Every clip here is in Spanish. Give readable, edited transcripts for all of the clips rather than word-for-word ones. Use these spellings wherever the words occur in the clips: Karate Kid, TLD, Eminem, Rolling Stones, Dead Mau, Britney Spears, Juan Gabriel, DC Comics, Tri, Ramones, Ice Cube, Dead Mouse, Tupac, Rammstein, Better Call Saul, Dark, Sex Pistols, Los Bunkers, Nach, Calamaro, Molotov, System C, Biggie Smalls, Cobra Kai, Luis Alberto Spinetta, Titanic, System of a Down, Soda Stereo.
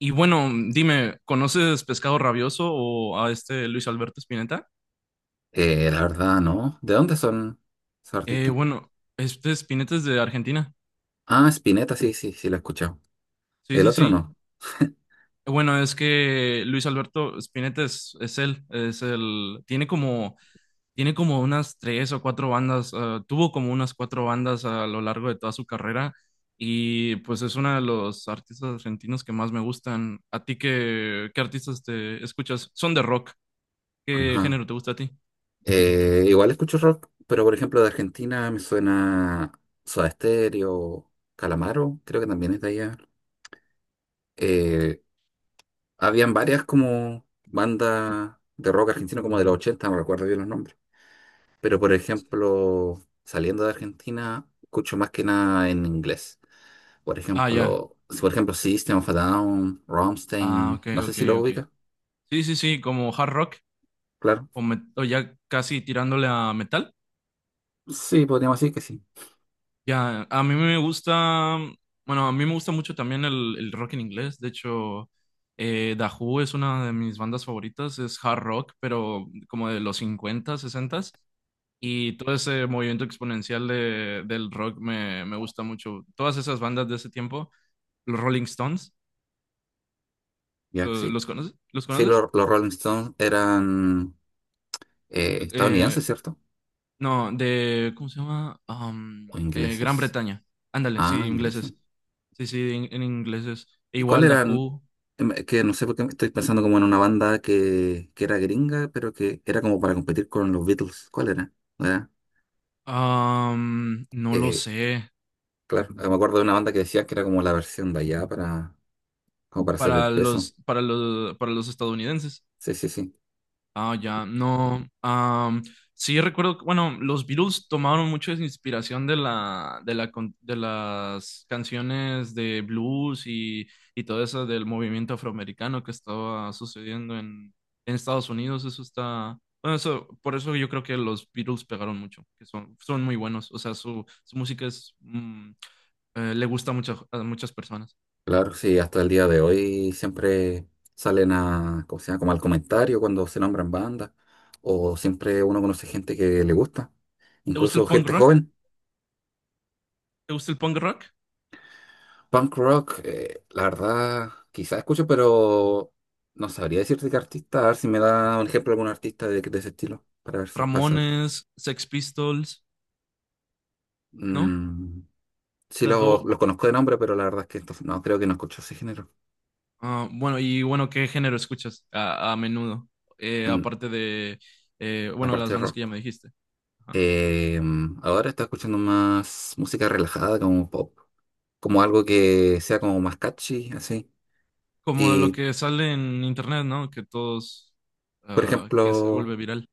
Y bueno, dime, ¿conoces Pescado Rabioso o a este Luis Alberto Spinetta? La verdad, no. ¿De dónde son esos Eh, artistas? bueno, este Spinetta es de Argentina. Ah, Spinetta, sí, sí, sí, la he escuchado. Sí, El sí, otro sí. no. Bueno, es que Luis Alberto Spinetta es él, es el, tiene como unas tres o cuatro bandas, tuvo como unas cuatro bandas a lo largo de toda su carrera y pues es uno de los artistas argentinos que más me gustan. ¿A ti qué, qué artistas te escuchas? Son de rock. ¿Qué Ajá. género te gusta a ti? Igual escucho rock, pero por ejemplo de Argentina me suena Soda Stereo, Calamaro, creo que también es de allá. Eh, Habían varias como bandas de rock argentino como de los ochenta, no recuerdo bien los nombres. Pero por ejemplo, saliendo de Argentina, escucho más que nada en inglés. Por Ah, ya. ejemplo, si por ejemplo System of a Down, Ah, Rammstein, ok, no sé ok, si lo ok. ubica, Sí, sí, sí, como hard rock claro. o, o ya casi tirándole a metal. Sí, podríamos decir que sí. Ya, a mí me gusta, bueno, a mí me gusta mucho también el rock en inglés. De hecho, The Who es una de mis bandas favoritas, es hard rock, pero como de los 50, 60. Y todo ese movimiento exponencial del rock me gusta mucho. Todas esas bandas de ese tiempo, los Rolling Stones, Ya, ¿lo- sí. ¿los, conoces? ¿Los Sí, conoces? los Rolling Stones eran Eh, estadounidenses, ¿cierto? No, de, ¿cómo se llama? ¿O Gran ingleses? Bretaña. Ándale, Ah, sí, ingleses. ingleses. Sí, sí, en ingleses. E ¿Y cuál igual eran? Dahoo. Que no sé por qué estoy pensando como en una banda que era gringa, pero que era como para competir con los Beatles. ¿Cuál era? ¿No era? No lo Eh, sé. claro, me acuerdo de una banda que decía que era como la versión de allá para, como para hacer el Para peso. los, para los, para los estadounidenses. Sí, sí, sí. Ah, ya, no. Sí, recuerdo, que, bueno, los Beatles tomaron mucho de su inspiración de las canciones de blues y todo eso del movimiento afroamericano que estaba sucediendo en Estados Unidos. Eso está, bueno, eso, por eso yo creo que los Beatles pegaron mucho, que son, son muy buenos. O sea, su música es, le gusta mucho a muchas personas. Claro, sí, hasta el día de hoy siempre salen a, ¿cómo se llama? Como al comentario cuando se nombran bandas, o siempre uno conoce gente que le gusta, ¿Te gusta el incluso punk gente rock? joven. ¿Te gusta el punk rock? Punk rock, la verdad, quizás escucho, pero no sabría decirte qué artista, a ver si me da un ejemplo de algún artista de ese estilo, para ver, para saber. Ramones, Sex Pistols, ¿no? Mm, sí, Las dos, los lo los conozco de nombre, pero la verdad es que entonces, no, creo que no escucho ese género, y bueno, ¿qué género escuchas a menudo? Mm, Aparte de, bueno, aparte las de bandas que ya rock. me dijiste. Ajá. Eh, Ahora está escuchando más música relajada, como pop, como algo que sea como más catchy, así. Como lo Y, que sale en internet, ¿no? Que todos, por ah, que se ejemplo, vuelve viral.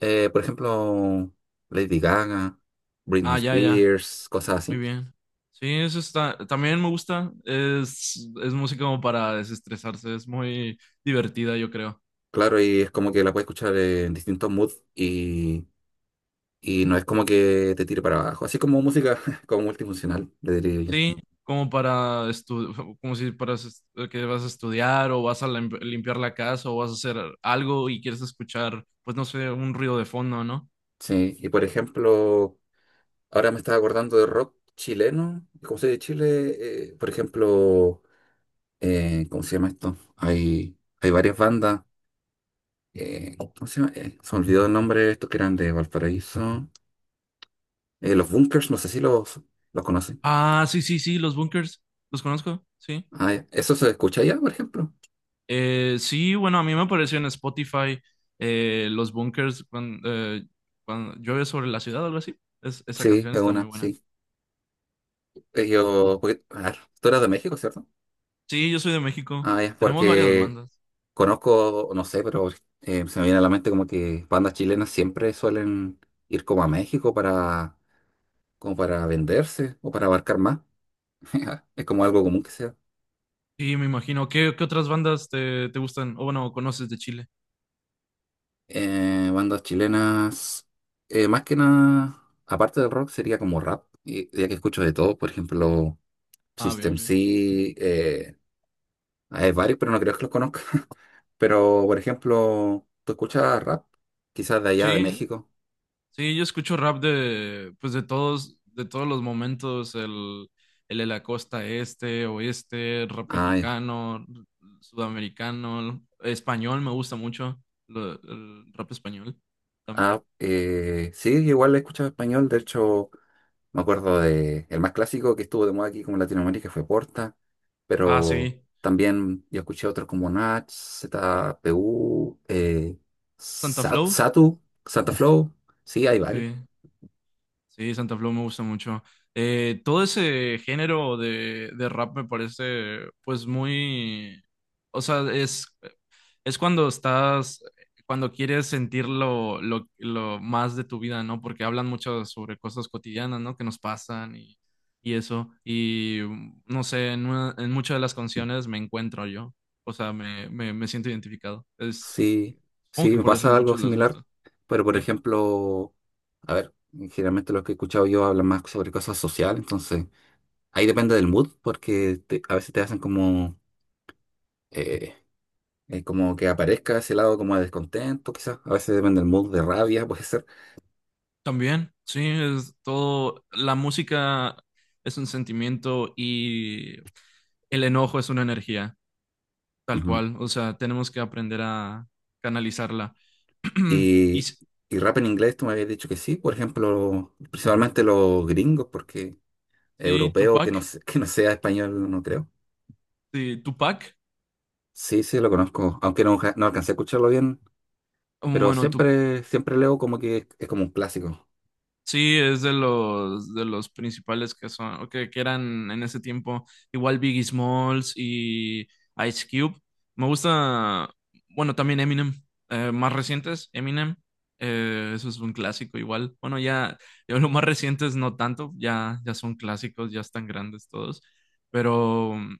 eh, por ejemplo, Lady Gaga, Britney Ah, ya, ya, Spears, cosas muy así. bien. Sí, eso está, también me gusta. Es música como para desestresarse, es muy divertida, yo creo. Claro, y es como que la puedes escuchar en distintos moods y no es como que te tire para abajo. Así como música como multifuncional, le diría yo. Sí, como para como si para que vas a estudiar o vas a limpiar la casa o vas a hacer algo y quieres escuchar, pues no sé, un ruido de fondo, ¿no? Sí, y por ejemplo, ahora me estaba acordando de rock chileno. Como soy de Chile, por ejemplo. ¿ Cómo se llama esto? Hay varias bandas. ¿Cómo se llama? Se me olvidó el nombre, estos que eran de Valparaíso. Los Bunkers, no sé si los, los conocen. Ah, sí, sí, sí, los bunkers, los conozco, sí. Ah, ya. ¿Eso se escucha allá, por ejemplo? Sí, bueno, a mí me apareció en Spotify los bunkers cuando, cuando llueve sobre la ciudad o algo así. Esa Sí, canción es está muy una, buena. sí. Ellos, a ver, tú eras de México, ¿cierto? Sí, yo soy de México. Ah, es Tenemos varias porque bandas. conozco, no sé, pero se me viene a la mente como que bandas chilenas siempre suelen ir como a México para, como para venderse o para abarcar más. Es como algo común que sea. Sí, me imagino. ¿Qué, qué otras bandas te, te gustan? O bueno, conoces de Chile. Bandas chilenas, más que nada, aparte del rock, sería como rap, y, ya que escucho de todo, por ejemplo, Ah, bien, System bien. C, eh, hay varios, pero no creo que los conozca. Pero, por ejemplo, ¿tú escuchas rap? Quizás de allá, de Sí, México. Sí, yo escucho rap de, pues de todos los momentos, el de la costa este, oeste, rap Ah, ya. mexicano, sudamericano, español me gusta mucho, el rap español Ah, también. Sí, igual escucho español, de hecho. Me acuerdo de el más clásico que estuvo de moda aquí como en Latinoamérica, fue Porta, Ah, pero sí, también yo escuché otros como Nach, ZPU, Santa Flow, Satu, Santa Flow. Sí, hay varios. sí, sí, Santa Flow me gusta mucho. Todo ese género de rap me parece, pues muy, o sea, es cuando estás, cuando quieres sentir lo más de tu vida, ¿no? Porque hablan mucho sobre cosas cotidianas, ¿no? Que nos pasan y eso. Y no sé, en, en muchas de las canciones me encuentro yo. O sea, me siento identificado. Es, Sí, como sí, que me por eso a pasa algo muchos les similar. gusta, Pero por ¿sí? ejemplo, a ver, generalmente lo que he escuchado yo habla más sobre cosas sociales, entonces ahí depende del mood, porque a veces te hacen como eh, como que aparezca ese lado como de descontento, quizás. A veces depende del mood de rabia, puede ser. También, sí, es todo, la música es un sentimiento y el enojo es una energía. Tal Ujú. cual, o sea, tenemos que aprender a canalizarla. Y Y, s- y rap en inglés, tú me habías dicho que sí, por ejemplo, principalmente los gringos, porque sí, europeo que no, Tupac, que no sea español, no creo. sí, Tupac, Sí, sí, lo conozco, aunque no, no alcancé a escucharlo bien, pero bueno, tu, siempre, siempre leo como que es como un clásico, sí, es de los principales que son, o que eran en ese tiempo, igual Biggie Smalls y Ice Cube. Me gusta, bueno, también Eminem, más recientes, Eminem, eso es un clásico igual. Bueno, ya, ya los más recientes no tanto, ya, ya son clásicos, ya están grandes todos, pero.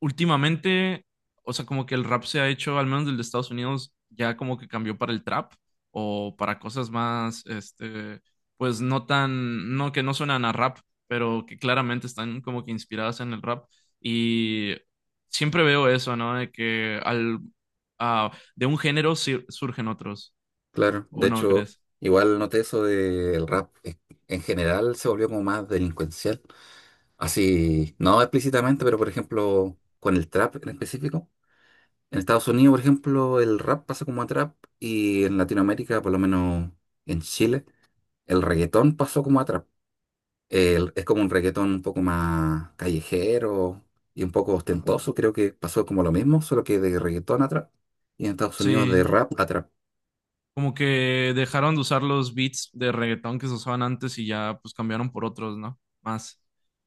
Últimamente, o sea, como que el rap se ha hecho, al menos del de Estados Unidos, ya como que cambió para el trap o para cosas más, este, pues no tan, no que no suenan a rap, pero que claramente están como que inspiradas en el rap. Y siempre veo eso, ¿no? De que al, ah, de un género surgen otros, claro. ¿o De no hecho, crees? igual noté eso del rap, en general se volvió como más delincuencial, así, no explícitamente, pero por ejemplo, con el trap en específico. En Estados Unidos, por ejemplo, el rap pasó como a trap, y en Latinoamérica, por lo menos en Chile, el reggaetón pasó como a trap. Es como un reggaetón un poco más callejero y un poco ostentoso. Creo que pasó como lo mismo, solo que de reggaetón a trap. Y en Estados Unidos Sí. de rap a trap. Como que dejaron de usar los beats de reggaetón que se usaban antes y ya pues cambiaron por otros, ¿no? Más,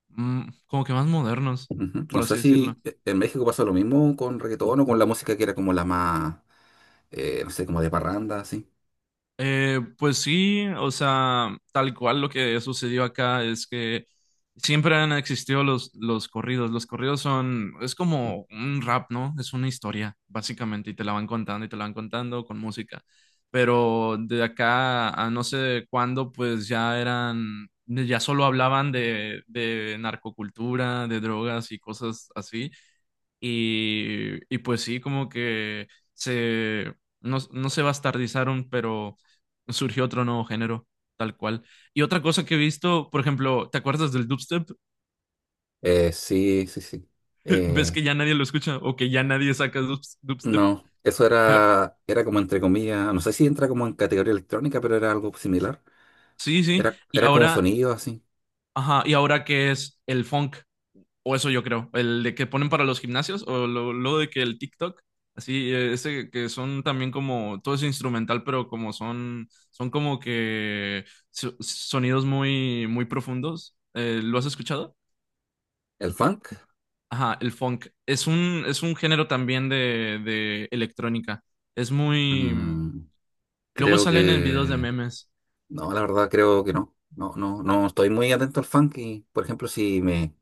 como que más modernos, Ujú. No por así sé decirlo. si en México pasó lo mismo con reggaetón o con la música que era como la más, no sé, como de parranda, así. Pues sí, o sea, tal cual lo que sucedió acá es que siempre han existido los corridos. Los corridos son, es como un rap, ¿no? Es una historia, básicamente, y te la van contando y te la van contando con música. Pero de acá a no sé cuándo, pues ya eran, ya solo hablaban de narcocultura, de drogas y cosas así. Y pues sí, como que se, no, no se bastardizaron, pero surgió otro nuevo género, tal cual. Y otra cosa que he visto, por ejemplo, ¿te acuerdas del dubstep? Sí, sí, sí. ¿Ves Eh, que ya nadie lo escucha o que ya nadie saca dubstep? No, eso Eh, era, era como entre comillas, no sé si entra como en categoría electrónica, pero era algo similar. Sí, sí. Era, Y era como ahora, sonido así. ajá, y ahora que es el funk. O eso yo creo, el de que ponen para los gimnasios o lo de que el TikTok, así, ese que son también como, todo es instrumental, pero como son, son como que sonidos muy, muy profundos. ¿Lo has escuchado? ¿El funk? Ajá, el funk. Es un género también de electrónica. Es muy... Mm, Luego creo salen en videos de que... memes. No, la verdad creo que no. No, no, Ah, no estoy muy atento al funk y, por ejemplo, si me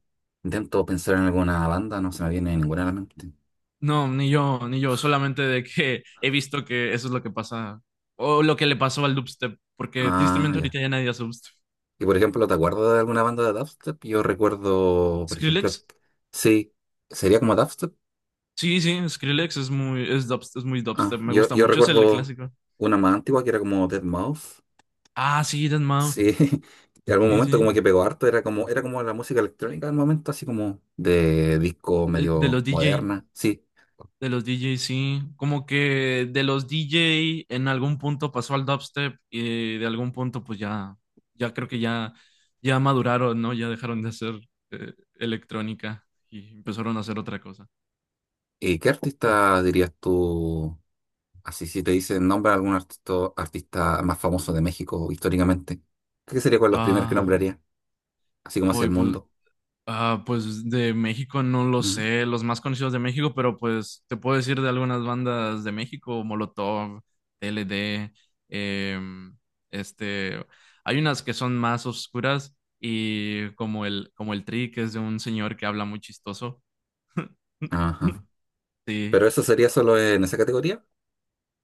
intento pensar en alguna banda, no se me viene ninguna a la mente. No, ni yo, ni yo, solamente de que he visto que eso es lo que pasa, o lo que le pasó al dubstep, porque Ah, tristemente ya. ahorita ya nadie hace dubstep. Y, por ejemplo, ¿te acuerdas de alguna banda de dubstep? Yo recuerdo, por ejemplo, Skrillex. sí, sería como dubstep. Sí, sí, Skrillex es muy, es dubst- es muy Ah, dubstep. Me gusta yo mucho, es el recuerdo clásico. una más antigua que era como Dead Mouse. Ah, sí, Dead Mau. Sí, en algún Sí, momento sí. como que pegó harto, era como la música electrónica del momento, así como de disco De medio los DJ. moderna. Sí. De los DJ, sí. Como que de los DJ en algún punto pasó al dubstep y de algún punto pues ya, ya creo que ya, ya maduraron, ¿no? Ya dejaron de hacer eh, electrónica y empezaron a hacer otra cosa. ¿Y qué artista dirías tú? Así si te dicen nombra algún artista, artista más famoso de México históricamente. ¿Qué sería con los primeros que Ah, nombraría? Así como hacia hoy el pues mundo. Ah, pues de México no lo Ujú. sé, los más conocidos de México, pero pues te puedo decir de algunas bandas de México, Molotov, TLD, em, este, hay unas que son más oscuras y como el Tri, que es de un señor que habla muy chistoso. Ajá. Sí, Pero eso sería solo en esa categoría.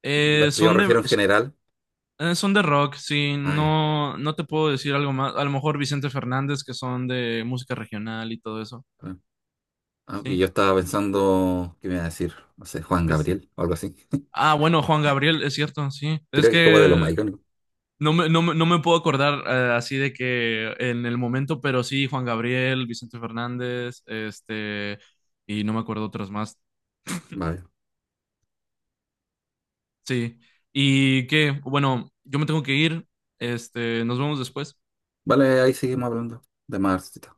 Eh, Yo son de, refiero en general. Son de rock, sí, Ah, ya. no, no te puedo decir algo más, a lo mejor Vicente Fernández, que son de música regional y todo eso, Claro. Ah, y sí, yo estaba pensando, ¿qué me iba a decir? No sé, Juan pues Gabriel o algo así. Ah, bueno, Juan Gabriel, es cierto, sí. Es Creo que es como de los más que icónicos. no me, no me, no me puedo acordar así de que en el momento, pero sí, Juan Gabriel, Vicente Fernández, este, y no me acuerdo otros más. Vale. Sí. Y que, bueno, yo me tengo que ir. Este, nos vemos después. Vale, ahí seguimos hablando de más. Artistas.